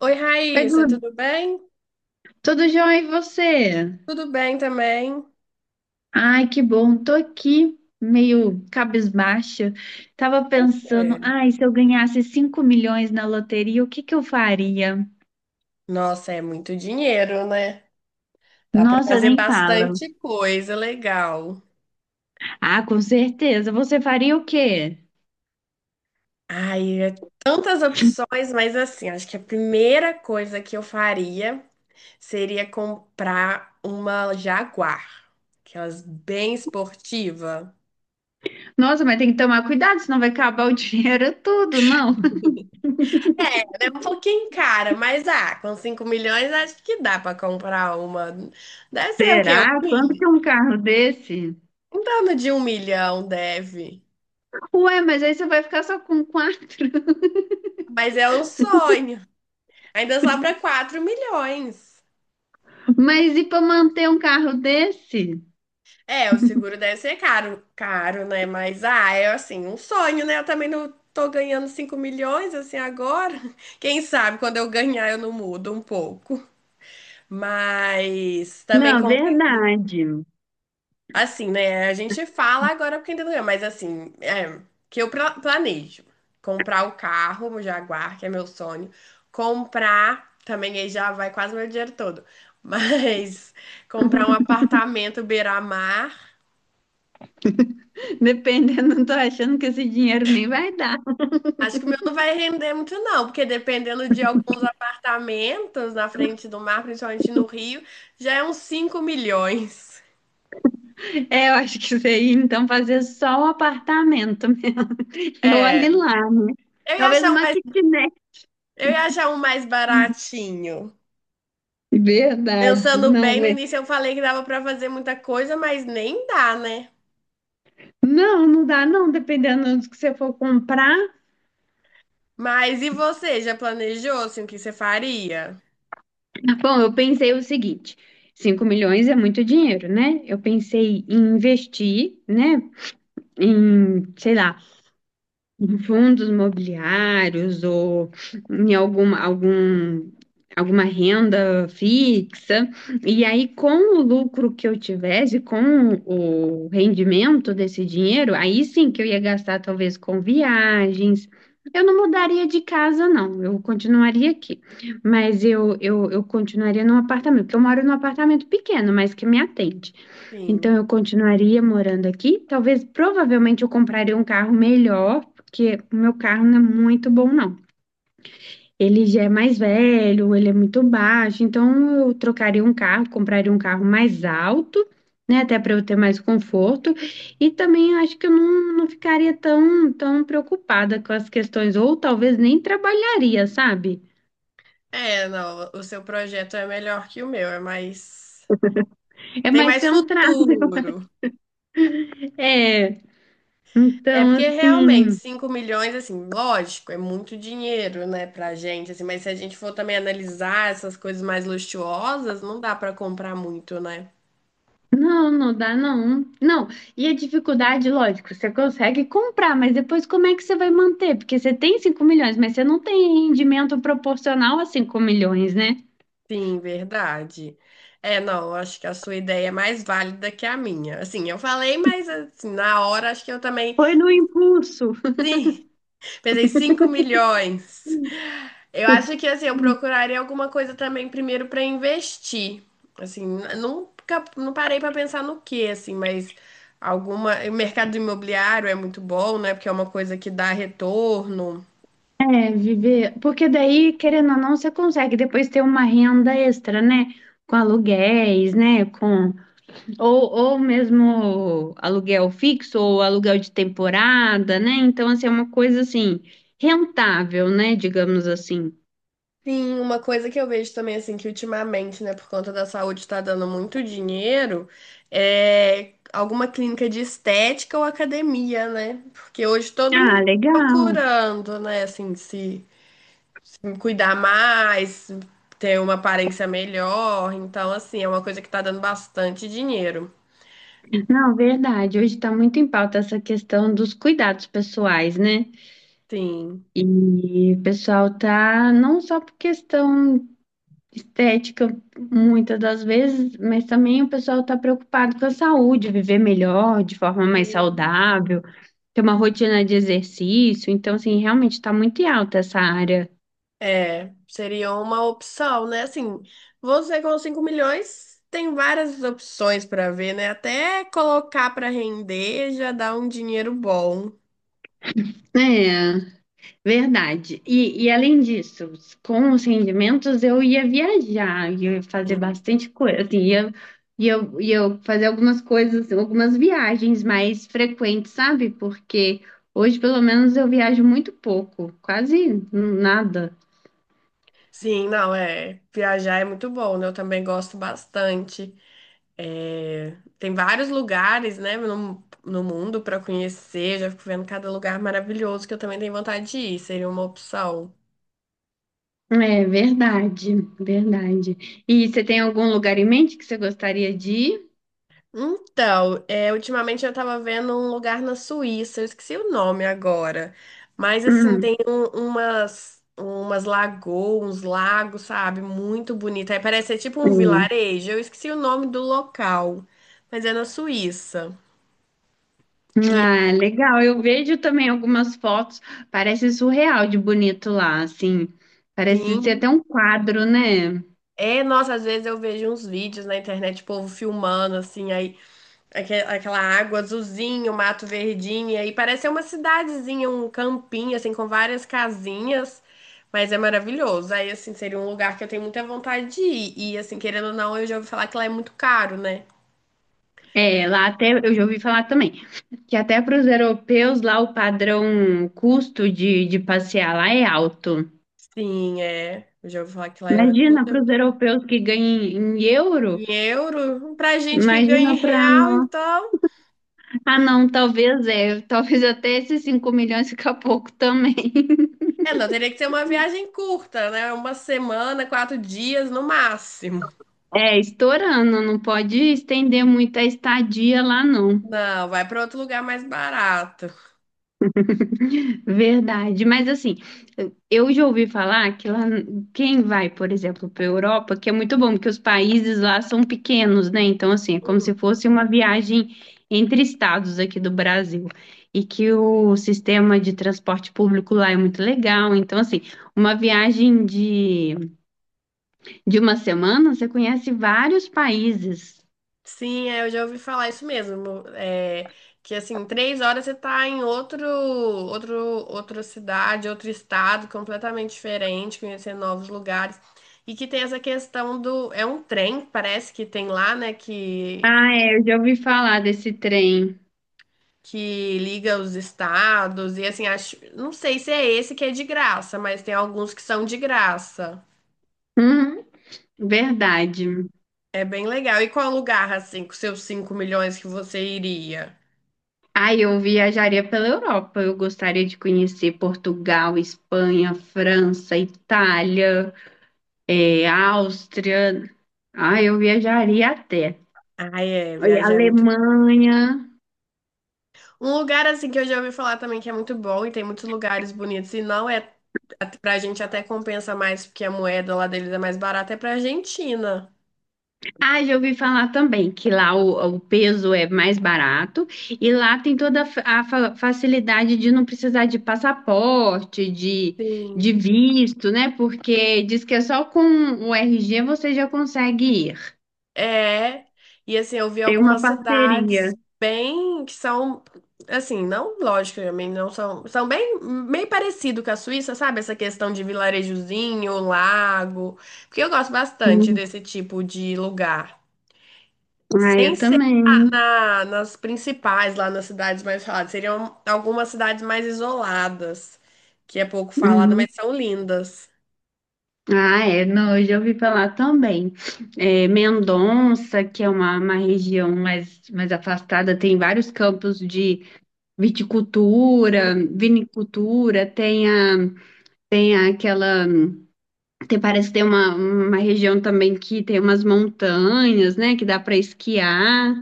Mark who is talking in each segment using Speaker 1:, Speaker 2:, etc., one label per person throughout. Speaker 1: Oi,
Speaker 2: Oi,
Speaker 1: Raíssa,
Speaker 2: Dudu.
Speaker 1: tudo bem?
Speaker 2: Tudo jóia e você?
Speaker 1: Tudo bem também.
Speaker 2: Ai, que bom. Tô aqui meio cabisbaixa. Tava
Speaker 1: Por quê?
Speaker 2: pensando, ai, se eu ganhasse 5 milhões na loteria, o que que eu faria?
Speaker 1: Nossa, é muito dinheiro, né? Dá para
Speaker 2: Nossa,
Speaker 1: fazer
Speaker 2: nem fala.
Speaker 1: bastante coisa legal.
Speaker 2: Ah, com certeza. Você faria o quê?
Speaker 1: Ai, é tantas opções, mas assim, acho que a primeira coisa que eu faria seria comprar uma Jaguar, aquelas bem esportiva.
Speaker 2: Nossa, mas tem que tomar cuidado, senão vai acabar o dinheiro tudo, não?
Speaker 1: É, ela é um pouquinho cara, mas ah, com 5 milhões acho que dá para comprar uma. Deve ser o quê? Um
Speaker 2: Será? Quanto
Speaker 1: milhão?
Speaker 2: que é um carro desse?
Speaker 1: Em torno de 1 milhão deve.
Speaker 2: Ué, mas aí você vai ficar só com quatro.
Speaker 1: Mas é um sonho. Ainda sobra 4 milhões.
Speaker 2: Mas e para manter um carro desse?
Speaker 1: É, o seguro deve ser caro, caro, né? Mas, ah, é assim, um sonho, né? Eu também não tô ganhando 5 milhões, assim, agora. Quem sabe quando eu ganhar eu não mudo um pouco. Mas também
Speaker 2: Não,
Speaker 1: com.
Speaker 2: verdade.
Speaker 1: Assim, né? A gente fala agora porque ainda não é, mas assim, é, que eu planejo comprar o carro, o Jaguar, que é meu sonho. Comprar, também aí já vai quase meu dinheiro todo. Mas comprar um apartamento beira-mar,
Speaker 2: Dependendo, não tô achando que esse dinheiro nem vai dar.
Speaker 1: acho que o meu não vai render muito não, porque dependendo de alguns apartamentos na frente do mar, principalmente no Rio, já é uns 5 milhões.
Speaker 2: É, eu acho que isso aí, então fazer só o apartamento. E
Speaker 1: É,
Speaker 2: olhe lá, né?
Speaker 1: eu ia
Speaker 2: Talvez
Speaker 1: achar um
Speaker 2: uma
Speaker 1: mais,
Speaker 2: kitnet.
Speaker 1: eu ia achar um mais baratinho.
Speaker 2: Verdade,
Speaker 1: Pensando bem,
Speaker 2: não
Speaker 1: no
Speaker 2: é.
Speaker 1: início eu falei que dava pra fazer muita coisa, mas nem dá, né?
Speaker 2: Não, não dá, não, dependendo do que você for comprar.
Speaker 1: Mas e você, já planejou assim o que você faria?
Speaker 2: Bom, eu pensei o seguinte: 5 milhões é muito dinheiro, né? Eu pensei em investir, né? Em, sei lá, em fundos imobiliários ou em alguma, algum, alguma renda fixa. E aí, com o lucro que eu tivesse, com o rendimento desse dinheiro, aí sim que eu ia gastar talvez com viagens. Eu não mudaria de casa, não. Eu continuaria aqui. Mas eu continuaria num apartamento, porque eu moro num apartamento pequeno, mas que me atende.
Speaker 1: Sim.
Speaker 2: Então eu continuaria morando aqui. Talvez, provavelmente, eu compraria um carro melhor, porque o meu carro não é muito bom, não. Ele já é mais velho, ele é muito baixo, então eu trocaria um carro, compraria um carro mais alto, né, até para eu ter mais conforto. E também acho que eu não ficaria tão preocupada com as questões, ou talvez nem trabalharia, sabe?
Speaker 1: É, não, o seu projeto é melhor que o meu, é mais.
Speaker 2: É
Speaker 1: Tem
Speaker 2: mais
Speaker 1: mais
Speaker 2: ser um trabalho.
Speaker 1: futuro.
Speaker 2: É,
Speaker 1: É
Speaker 2: então
Speaker 1: porque realmente
Speaker 2: assim.
Speaker 1: 5 milhões assim, lógico, é muito dinheiro, né, pra gente assim, mas se a gente for também analisar essas coisas mais luxuosas, não dá pra comprar muito, né?
Speaker 2: Não, não dá não. Não, e a dificuldade, lógico, você consegue comprar, mas depois como é que você vai manter? Porque você tem cinco milhões, mas você não tem rendimento proporcional a 5 milhões, né?
Speaker 1: Sim, verdade. É, não, eu acho que a sua ideia é mais válida que a minha. Assim, eu falei, mas assim, na hora acho que eu também.
Speaker 2: Foi no impulso.
Speaker 1: Sim, pensei 5 milhões. Eu acho que assim, eu procuraria alguma coisa também primeiro para investir. Assim, nunca não parei para pensar no que assim, mas alguma, o mercado imobiliário é muito bom, né? Porque é uma coisa que dá retorno.
Speaker 2: É, viver. Porque daí, querendo ou não, você consegue depois ter uma renda extra, né? Com aluguéis, né? Com... ou mesmo aluguel fixo ou aluguel de temporada, né? Então, assim, é uma coisa assim, rentável, né? Digamos assim.
Speaker 1: Sim, uma coisa que eu vejo também, assim, que ultimamente, né, por conta da saúde tá dando muito dinheiro, é alguma clínica de estética ou academia, né? Porque hoje todo mundo
Speaker 2: Ah,
Speaker 1: tá
Speaker 2: legal.
Speaker 1: procurando, né, assim, se cuidar mais, ter uma aparência melhor. Então, assim, é uma coisa que tá dando bastante dinheiro.
Speaker 2: Não, verdade. Hoje está muito em pauta essa questão dos cuidados pessoais, né?
Speaker 1: Sim.
Speaker 2: E o pessoal tá não só por questão estética, muitas das vezes, mas também o pessoal está preocupado com a saúde, viver melhor, de forma mais
Speaker 1: Sim.
Speaker 2: saudável, ter uma rotina de exercício. Então, assim, realmente está muito em alta essa área,
Speaker 1: É, seria uma opção, né? Assim, você com 5 milhões tem várias opções para ver, né? Até colocar para render já dá um dinheiro bom.
Speaker 2: né? Verdade. E além disso, com os rendimentos eu ia viajar, ia fazer
Speaker 1: Sim,
Speaker 2: bastante coisa, assim, ia, ia fazer algumas coisas, algumas viagens mais frequentes, sabe? Porque hoje, pelo menos, eu viajo muito pouco, quase nada.
Speaker 1: sim, não, é. Viajar é muito bom, né? Eu também gosto bastante. É, tem vários lugares, né, no mundo para conhecer. Já fico vendo cada lugar maravilhoso que eu também tenho vontade de ir. Seria uma opção.
Speaker 2: É verdade, verdade. E você tem algum lugar em mente que você gostaria de ir?
Speaker 1: Então, é, ultimamente eu tava vendo um lugar na Suíça, eu esqueci o nome agora, mas assim, tem umas lagoas, uns lagos, sabe? Muito bonito. Aí parece ser tipo um
Speaker 2: Hum.
Speaker 1: vilarejo, eu esqueci o nome do local, mas é na Suíça. E
Speaker 2: Ah, legal. Eu vejo também algumas fotos, parece surreal de bonito lá, assim. Parece ser
Speaker 1: assim,
Speaker 2: até um quadro, né?
Speaker 1: é, nossa, às vezes eu vejo uns vídeos na internet, o povo filmando, assim, aí. Aquela água azulzinha, o mato verdinho, e aí parece uma cidadezinha, um campinho, assim, com várias casinhas, mas é maravilhoso. Aí, assim, seria um lugar que eu tenho muita vontade de ir. E, assim, querendo ou não, eu já ouvi falar que lá é muito caro, né?
Speaker 2: É, lá até eu já ouvi falar também que até para os europeus lá o padrão custo de passear lá é alto.
Speaker 1: Sim, é. Eu já ouvi falar que lá é tudo
Speaker 2: Imagina
Speaker 1: é
Speaker 2: para os
Speaker 1: muito-
Speaker 2: europeus que ganham em euro.
Speaker 1: em euro. Pra gente que
Speaker 2: Imagina
Speaker 1: ganha em
Speaker 2: para
Speaker 1: real,
Speaker 2: nós.
Speaker 1: então.
Speaker 2: Ah, não, talvez é, talvez até esses 5 milhões fica pouco também.
Speaker 1: É, não, teria que ser uma viagem curta, né? Uma semana, 4 dias no máximo.
Speaker 2: É, estourando, não pode estender muito a estadia lá, não.
Speaker 1: Não, vai para outro lugar mais barato.
Speaker 2: Verdade, mas assim, eu já ouvi falar que lá, quem vai, por exemplo, para a Europa, que é muito bom, porque os países lá são pequenos, né? Então, assim, é como se
Speaker 1: Uhum.
Speaker 2: fosse uma viagem entre estados aqui do Brasil. E que o sistema de transporte público lá é muito legal. Então, assim, uma viagem de uma semana, você conhece vários países.
Speaker 1: Sim, é, eu já ouvi falar isso mesmo. É, que assim, 3 horas você tá em outra cidade, outro estado completamente diferente, conhecendo novos lugares. E que tem essa questão do. É um trem, parece que tem lá, né? Que,
Speaker 2: Ah, é, eu já ouvi falar desse trem.
Speaker 1: que liga os estados. E assim, acho, não sei se é esse que é de graça, mas tem alguns que são de graça.
Speaker 2: Verdade.
Speaker 1: É bem legal. E qual lugar, assim, com seus 5 milhões que você iria?
Speaker 2: Ah, eu viajaria pela Europa. Eu gostaria de conhecer Portugal, Espanha, França, Itália, Áustria. Ah, eu viajaria até.
Speaker 1: Ah, é,
Speaker 2: Oi,
Speaker 1: viajar é muito.
Speaker 2: Alemanha.
Speaker 1: Um lugar assim que eu já ouvi falar também que é muito bom e tem muitos lugares bonitos e não é pra gente até compensa mais porque a moeda lá deles é mais barata é pra Argentina.
Speaker 2: Ah, já ouvi falar também que lá o peso é mais barato e lá tem toda a, facilidade de não precisar de passaporte,
Speaker 1: Sim.
Speaker 2: de visto, né? Porque diz que é só com o RG você já consegue ir.
Speaker 1: É. E assim, eu vi
Speaker 2: Tem uma
Speaker 1: algumas
Speaker 2: parceria.
Speaker 1: cidades bem que são assim, não, lógico, também não são, são bem meio parecido com a Suíça, sabe? Essa questão de vilarejozinho, lago, porque eu gosto bastante desse tipo de lugar.
Speaker 2: Ah,
Speaker 1: Sem
Speaker 2: eu
Speaker 1: ser
Speaker 2: também.
Speaker 1: nas principais, lá nas cidades mais faladas. Seriam algumas cidades mais isoladas, que é pouco falada,
Speaker 2: Uhum.
Speaker 1: mas são lindas.
Speaker 2: Ah, é, não, eu já ouvi falar também. É, Mendonça, que é uma região mais afastada, tem vários campos de viticultura, vinicultura, tem a, tem aquela, tem, parece que tem uma região também que tem umas montanhas, né, que dá para esquiar,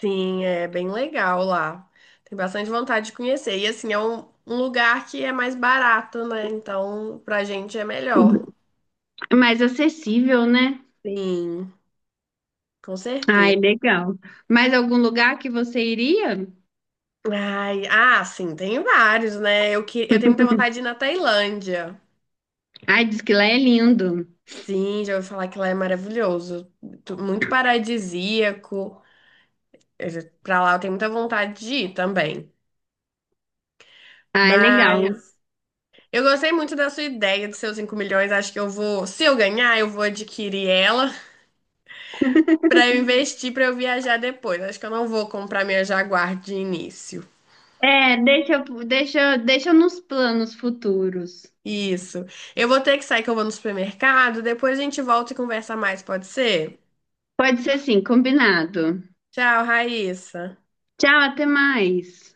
Speaker 1: Sim, é bem legal lá. Tem bastante vontade de conhecer. E assim, é um lugar que é mais barato, né? Então, pra gente é melhor.
Speaker 2: é mais acessível, né?
Speaker 1: Sim, com
Speaker 2: Ai,
Speaker 1: certeza.
Speaker 2: legal. Mais algum lugar que você iria?
Speaker 1: Ai, ah, sim, tem vários, né? Eu tenho muita vontade de ir na Tailândia.
Speaker 2: Ai, diz que lá é lindo.
Speaker 1: Sim, já ouvi falar que lá é maravilhoso. Muito paradisíaco. Pra lá eu tenho muita vontade de ir também.
Speaker 2: Ai, legal.
Speaker 1: Mas eu gostei muito da sua ideia dos seus 5 milhões. Acho que eu vou, se eu ganhar, eu vou adquirir ela pra eu investir pra eu viajar depois. Acho que eu não vou comprar minha Jaguar de início.
Speaker 2: É, deixa, deixa, deixa nos planos futuros.
Speaker 1: Isso. Eu vou ter que sair que eu vou no supermercado. Depois a gente volta e conversa mais, pode ser?
Speaker 2: Pode ser assim, combinado.
Speaker 1: Tchau, Raíssa.
Speaker 2: Tchau, até mais.